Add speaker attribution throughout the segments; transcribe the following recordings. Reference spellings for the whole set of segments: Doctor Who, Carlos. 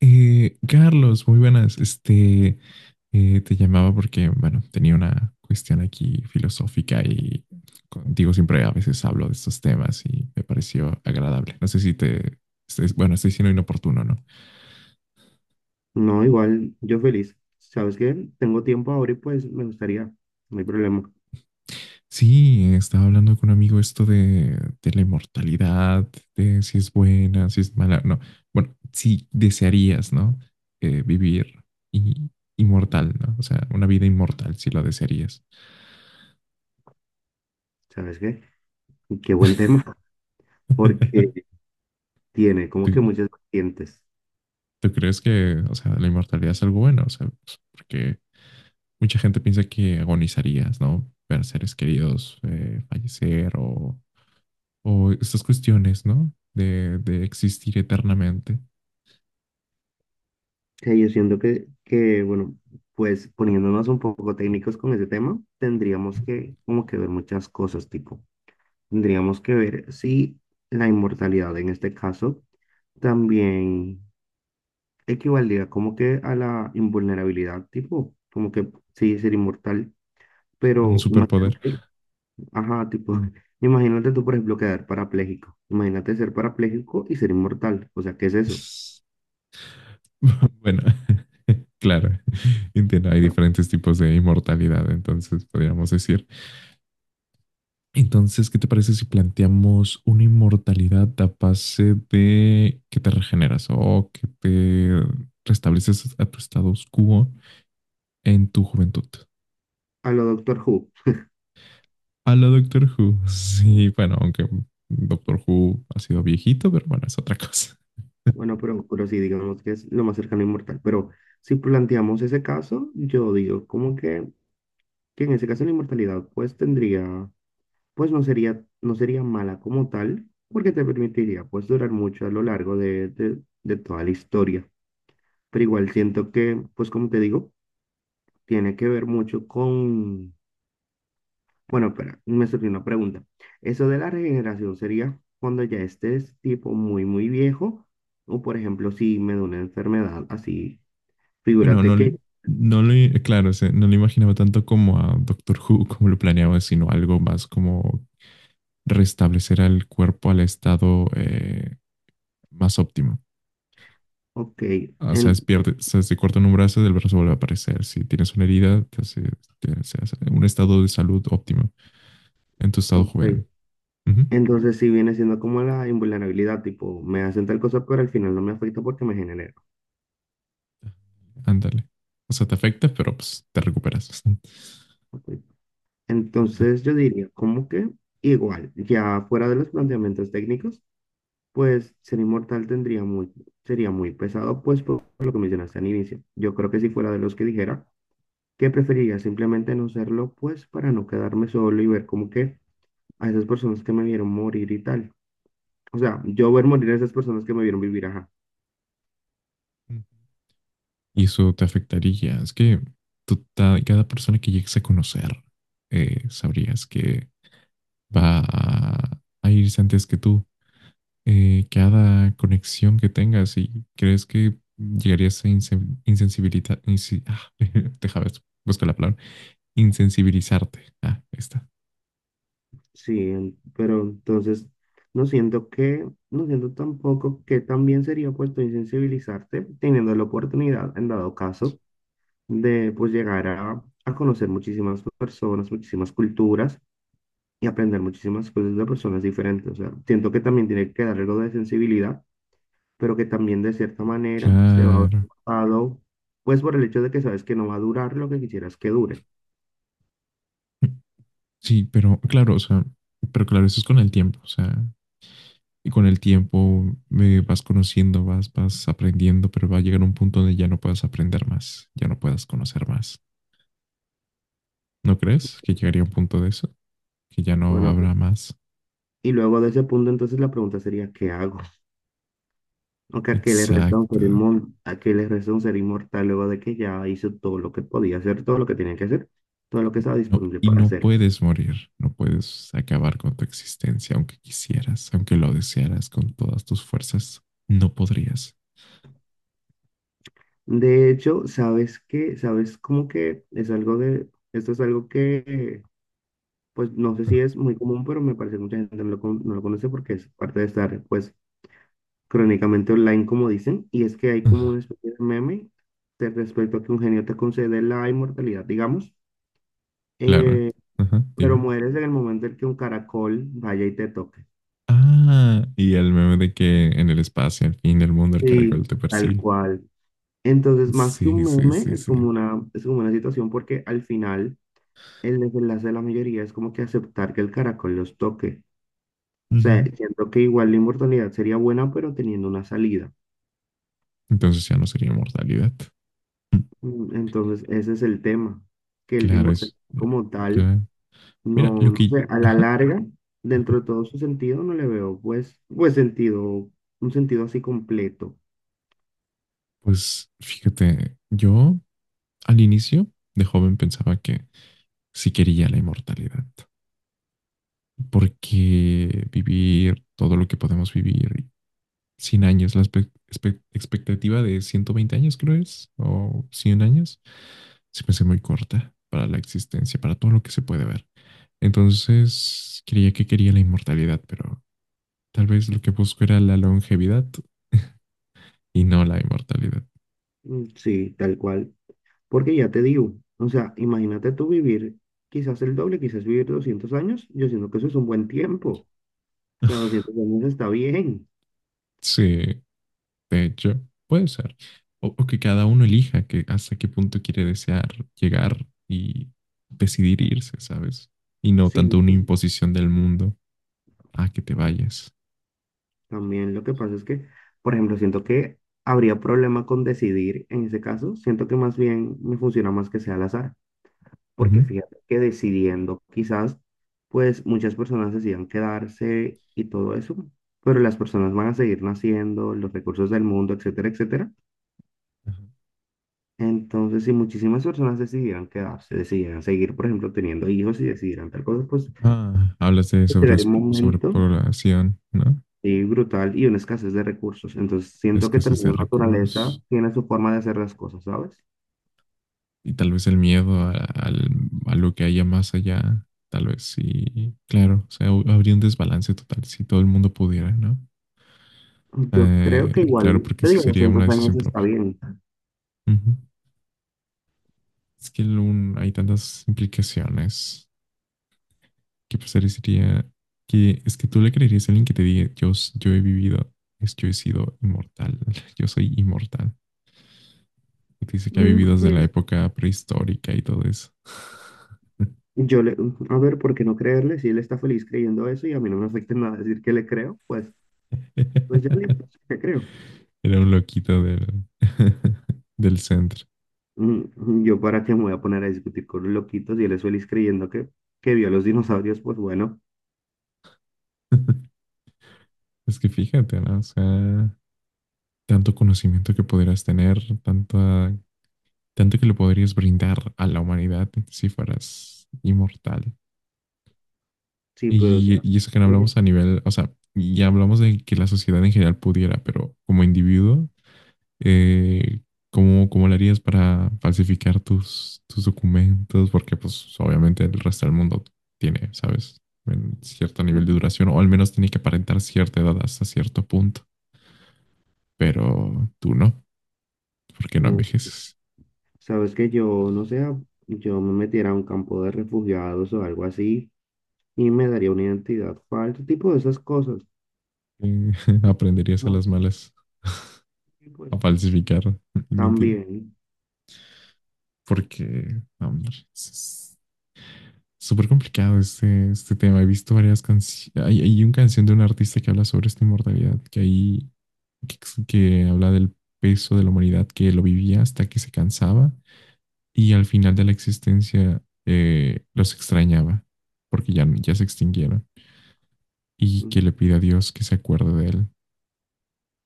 Speaker 1: Carlos, muy buenas. Te llamaba porque, bueno, tenía una cuestión aquí filosófica y contigo siempre a veces hablo de estos temas y me pareció agradable. No sé si te, bueno, estoy siendo inoportuno, ¿no?
Speaker 2: No, igual, yo feliz. ¿Sabes qué? Tengo tiempo ahora y pues me gustaría, no hay problema.
Speaker 1: Sí, estaba hablando con un amigo esto de la inmortalidad, de si es buena, si es mala, no. Bueno, si desearías, ¿no? Vivir y, inmortal, ¿no? O sea, una vida inmortal, si lo desearías.
Speaker 2: ¿Sabes qué? Qué buen tema, porque tiene como
Speaker 1: ¿Tú,
Speaker 2: que muchas vertientes.
Speaker 1: ¿Tú crees que, o sea, ¿la inmortalidad es algo bueno? O sea, pues, porque mucha gente piensa que agonizarías, ¿no? Ver a seres queridos fallecer o estas cuestiones, ¿no? De existir eternamente.
Speaker 2: Que yo siento que, bueno, pues poniéndonos un poco técnicos con ese tema, tendríamos que como que ver muchas cosas, tipo, tendríamos que ver si la inmortalidad en este caso también equivaldría como que a la invulnerabilidad, tipo, como que sí, ser inmortal,
Speaker 1: Un
Speaker 2: pero
Speaker 1: superpoder.
Speaker 2: imagínate. Ajá, tipo, imagínate tú, por ejemplo, quedar parapléjico. Imagínate ser parapléjico y ser inmortal. O sea, ¿qué es eso?
Speaker 1: Bueno, claro, entiendo, hay
Speaker 2: A
Speaker 1: diferentes tipos de inmortalidad, entonces podríamos decir. Entonces, ¿qué te parece si planteamos una inmortalidad a base de que te regeneras o que te restableces a tu status quo en tu juventud?
Speaker 2: a lo Doctor Who.
Speaker 1: A la Doctor Who. Sí, bueno, aunque Doctor Who ha sido viejito, pero bueno, es otra cosa.
Speaker 2: Bueno, pero sí, digamos que es lo más cercano a inmortal. Pero si planteamos ese caso, yo digo como que en ese caso la inmortalidad pues tendría, pues no sería mala como tal, porque te permitiría pues durar mucho a lo largo de toda la historia. Pero igual siento que, pues como te digo, tiene que ver mucho con. Bueno, espera, me surgió una pregunta. ¿Eso de la regeneración sería cuando ya estés tipo muy, muy viejo? O por ejemplo, si me da una enfermedad así,
Speaker 1: Bueno,
Speaker 2: figúrate
Speaker 1: no,
Speaker 2: que,
Speaker 1: no lo, claro, o sea, no lo imaginaba tanto como a Doctor Who, como lo planeaba, sino algo más como restablecer al cuerpo al estado más óptimo.
Speaker 2: ok,
Speaker 1: O sea, es
Speaker 2: en-
Speaker 1: pierde, o sea, si cortan un brazo, el brazo vuelve a aparecer. Si tienes una herida, te hace un estado de salud óptimo en tu estado
Speaker 2: ok,
Speaker 1: joven. Ujú.
Speaker 2: entonces si viene siendo como la invulnerabilidad, tipo, me hacen tal cosa, pero al final no me afecta porque me genera.
Speaker 1: Ándale. O sea, te afecta, pero pues te recuperas.
Speaker 2: Ok.
Speaker 1: Ajá.
Speaker 2: Entonces yo diría, como que igual, ya fuera de los planteamientos técnicos, pues ser inmortal tendría muy, sería muy pesado, pues por lo que mencionaste al inicio. Yo creo que si fuera de los que dijera que preferiría simplemente no serlo, pues para no quedarme solo y ver como que a esas personas que me vieron morir y tal. O sea, yo ver morir a esas personas que me vieron vivir, ajá.
Speaker 1: Y eso te afectaría. Es que tú cada persona que llegues a conocer, sabrías que va a irse antes que tú. Cada conexión que tengas y crees que llegarías a déjame buscar la palabra, insensibilizarte. Ah, ahí está.
Speaker 2: Sí, pero entonces no siento tampoco que también sería puesto insensibilizarte teniendo la oportunidad, en dado caso, de pues llegar a conocer muchísimas personas, muchísimas culturas y aprender muchísimas cosas de personas diferentes. O sea, siento que también tiene que dar algo de sensibilidad, pero que también de cierta manera se va a ver
Speaker 1: Claro.
Speaker 2: cortado, pues por el hecho de que sabes que no va a durar lo que quisieras que dure.
Speaker 1: Sí, pero claro, o sea, pero claro, eso es con el tiempo, o sea, y con el tiempo vas conociendo, vas aprendiendo, pero va a llegar un punto donde ya no puedas aprender más, ya no puedas conocer más. ¿No crees que llegaría un punto de eso? Que ya no
Speaker 2: Bueno,
Speaker 1: habrá más.
Speaker 2: y luego de ese punto, entonces la pregunta sería, ¿qué hago? O que a qué le resta un
Speaker 1: Exacto.
Speaker 2: ser inmortal, a qué le resta un ser inmortal luego de que ya hizo todo lo que podía hacer, todo lo que tenía que hacer, todo lo que estaba disponible
Speaker 1: Y
Speaker 2: para
Speaker 1: no
Speaker 2: hacer.
Speaker 1: puedes morir, no puedes acabar con tu existencia, aunque quisieras, aunque lo desearas con todas tus fuerzas, no podrías.
Speaker 2: De hecho, sabes qué, sabes cómo que es algo de, esto es algo que pues no sé
Speaker 1: Ah,
Speaker 2: si es muy común, pero me parece que mucha gente no lo conoce porque es parte de estar, pues, crónicamente online, como dicen, y es que hay como
Speaker 1: ah,
Speaker 2: una especie de meme de respecto a que un genio te concede la inmortalidad, digamos,
Speaker 1: claro,
Speaker 2: eh,
Speaker 1: ajá,
Speaker 2: pero
Speaker 1: dime.
Speaker 2: mueres en el momento en que un caracol vaya y te toque.
Speaker 1: Ah, y el meme de que en el espacio, al fin del mundo, el caracol
Speaker 2: Sí,
Speaker 1: te
Speaker 2: tal
Speaker 1: persigue.
Speaker 2: cual. Entonces, más que
Speaker 1: Sí,
Speaker 2: un
Speaker 1: sí,
Speaker 2: meme,
Speaker 1: sí, sí.
Speaker 2: es como una situación porque al final el desenlace de la mayoría es como que aceptar que el caracol los toque. O sea,
Speaker 1: Ujú.
Speaker 2: siento que igual la inmortalidad sería buena, pero teniendo una salida.
Speaker 1: Entonces ya no sería inmortalidad. Mm.
Speaker 2: Entonces, ese es el tema, que el
Speaker 1: Claro,
Speaker 2: importante
Speaker 1: es.
Speaker 2: como tal,
Speaker 1: Claro. Mira,
Speaker 2: no,
Speaker 1: lo
Speaker 2: no
Speaker 1: que.
Speaker 2: sé, a la
Speaker 1: Ajá.
Speaker 2: larga, dentro de todo su sentido, no le veo, pues, sentido, un sentido así completo.
Speaker 1: Pues fíjate, yo al inicio de joven pensaba que si quería la inmortalidad. Porque vivir todo lo que podemos vivir, 100 años, la expectativa de 120 años creo es, o 100 años, se me hace muy corta para la existencia, para todo lo que se puede ver. Entonces, creía que quería la inmortalidad, pero tal vez lo que busco era la longevidad y no la inmortalidad.
Speaker 2: Mm, sí, tal cual. Porque ya te digo, o sea, imagínate tú vivir quizás el doble, quizás vivir 200 años, yo siento que eso es un buen tiempo. O sea, 200 años está bien.
Speaker 1: Sí, de hecho, puede ser. o que cada uno elija que hasta qué punto quiere desear llegar y decidir irse, ¿sabes? Y no tanto
Speaker 2: Sí,
Speaker 1: una imposición del mundo a que te vayas.
Speaker 2: también lo que pasa es que, por ejemplo, siento que habría problema con decidir en ese caso. Siento que más bien me funciona más que sea al azar, porque
Speaker 1: Ujú.
Speaker 2: fíjate que decidiendo quizás, pues muchas personas decidan quedarse y todo eso, pero las personas van a seguir naciendo, los recursos del mundo, etcétera, etcétera.
Speaker 1: Ajá.
Speaker 2: Entonces, si muchísimas personas decidieran quedarse, decidieran seguir, por ejemplo, teniendo hijos y decidieran tal cosa, pues
Speaker 1: Ah, hablas de
Speaker 2: llegaría un momento
Speaker 1: sobrepoblación, ¿no?
Speaker 2: y brutal y una escasez de recursos. Entonces, siento que
Speaker 1: Escasez
Speaker 2: también
Speaker 1: de
Speaker 2: la naturaleza
Speaker 1: recursos
Speaker 2: tiene su forma de hacer las cosas, ¿sabes?
Speaker 1: y tal vez el miedo a lo que haya más allá, tal vez sí, claro, o sea, habría un desbalance total si todo el mundo pudiera, ¿no?
Speaker 2: Yo creo que
Speaker 1: Claro,
Speaker 2: igual,
Speaker 1: porque
Speaker 2: yo
Speaker 1: esa
Speaker 2: digo,
Speaker 1: sería una
Speaker 2: 200 años
Speaker 1: decisión
Speaker 2: está
Speaker 1: propia.
Speaker 2: bien.
Speaker 1: Es que hay tantas implicaciones que parecería que es que tú le creerías a alguien que te diga, yo, yo he vivido, es yo he sido inmortal, yo soy inmortal. Y te dice que ha
Speaker 2: Mm,
Speaker 1: vivido desde la
Speaker 2: yes.
Speaker 1: época prehistórica y todo eso.
Speaker 2: Yo le, a ver, ¿por qué no creerle? Si él está feliz creyendo eso y a mí no me afecta en nada decir que le creo, pues, ya listo, sí que creo.
Speaker 1: Era un loquito del, del centro.
Speaker 2: Mm, yo para qué me voy a poner a discutir con los loquitos y él es feliz creyendo que vio a los dinosaurios, pues bueno,
Speaker 1: Es que fíjate, ¿no? O sea, tanto conocimiento que podrías tener, tanta, tanto que le podrías brindar a la humanidad si fueras inmortal.
Speaker 2: sí, pero
Speaker 1: Y,
Speaker 2: ¿sabes
Speaker 1: y eso que no
Speaker 2: qué?
Speaker 1: hablamos a nivel, o sea, ya hablamos de que la sociedad en general pudiera, pero como individuo, eh, ¿cómo lo harías para falsificar tus documentos? Porque pues obviamente el resto del mundo tiene, ¿sabes? En cierto nivel de
Speaker 2: Mm.
Speaker 1: duración, o al menos tiene que aparentar cierta edad hasta cierto punto, pero tú no, porque no
Speaker 2: No.
Speaker 1: envejeces.
Speaker 2: Sabes que yo, no sé, yo me metiera a un campo de refugiados o algo así y me daría una identidad falsa, tipo de esas cosas.
Speaker 1: Eh, Aprenderías a
Speaker 2: Como,
Speaker 1: las malas
Speaker 2: y pues
Speaker 1: a falsificar mentira
Speaker 2: también,
Speaker 1: porque, no, hombre, súper complicado este tema. He visto varias canciones. Hay una canción de un artista que habla sobre esta inmortalidad, que ahí, que, que habla del peso de la humanidad que lo vivía hasta que se cansaba y al final de la existencia los extrañaba porque ya se extinguieron y que
Speaker 2: mm,
Speaker 1: le pide a Dios que se acuerde de él,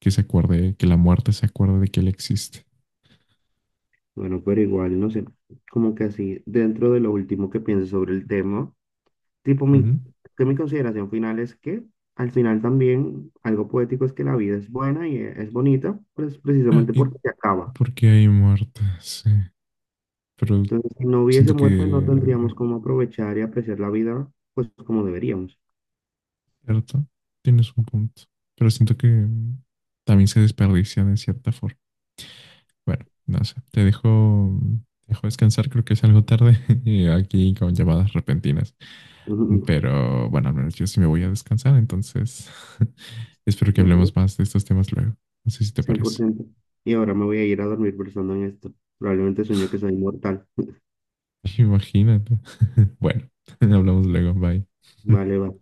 Speaker 1: que se acuerde, que la muerte se acuerde de que él existe.
Speaker 2: bueno, pero igual, no sé, como que así, dentro de lo último que pienso sobre el tema, tipo mi,
Speaker 1: Ujú.
Speaker 2: que mi consideración final es que al final también algo poético es que la vida es buena y es bonita, pues
Speaker 1: Ah,
Speaker 2: precisamente
Speaker 1: ¿y
Speaker 2: porque se acaba.
Speaker 1: por qué hay muertas? Sí, pero
Speaker 2: Entonces, si no hubiese
Speaker 1: siento
Speaker 2: muerte, no
Speaker 1: que
Speaker 2: tendríamos cómo aprovechar y apreciar la vida, pues como deberíamos.
Speaker 1: cierto, tienes un punto, pero siento que mm, también se desperdicia de cierta forma. Bueno, no sé, te dejo descansar, creo que es algo tarde y aquí con llamadas repentinas, pero bueno, al menos yo sí me voy a descansar, entonces espero que
Speaker 2: Claro,
Speaker 1: hablemos más de estos temas luego. No sé si te
Speaker 2: cien por
Speaker 1: parece.
Speaker 2: ciento. Y ahora me voy a ir a dormir pensando en esto. Probablemente sueño que soy inmortal.
Speaker 1: Imagínate. Bueno, hablamos luego, bye.
Speaker 2: Vale, vale.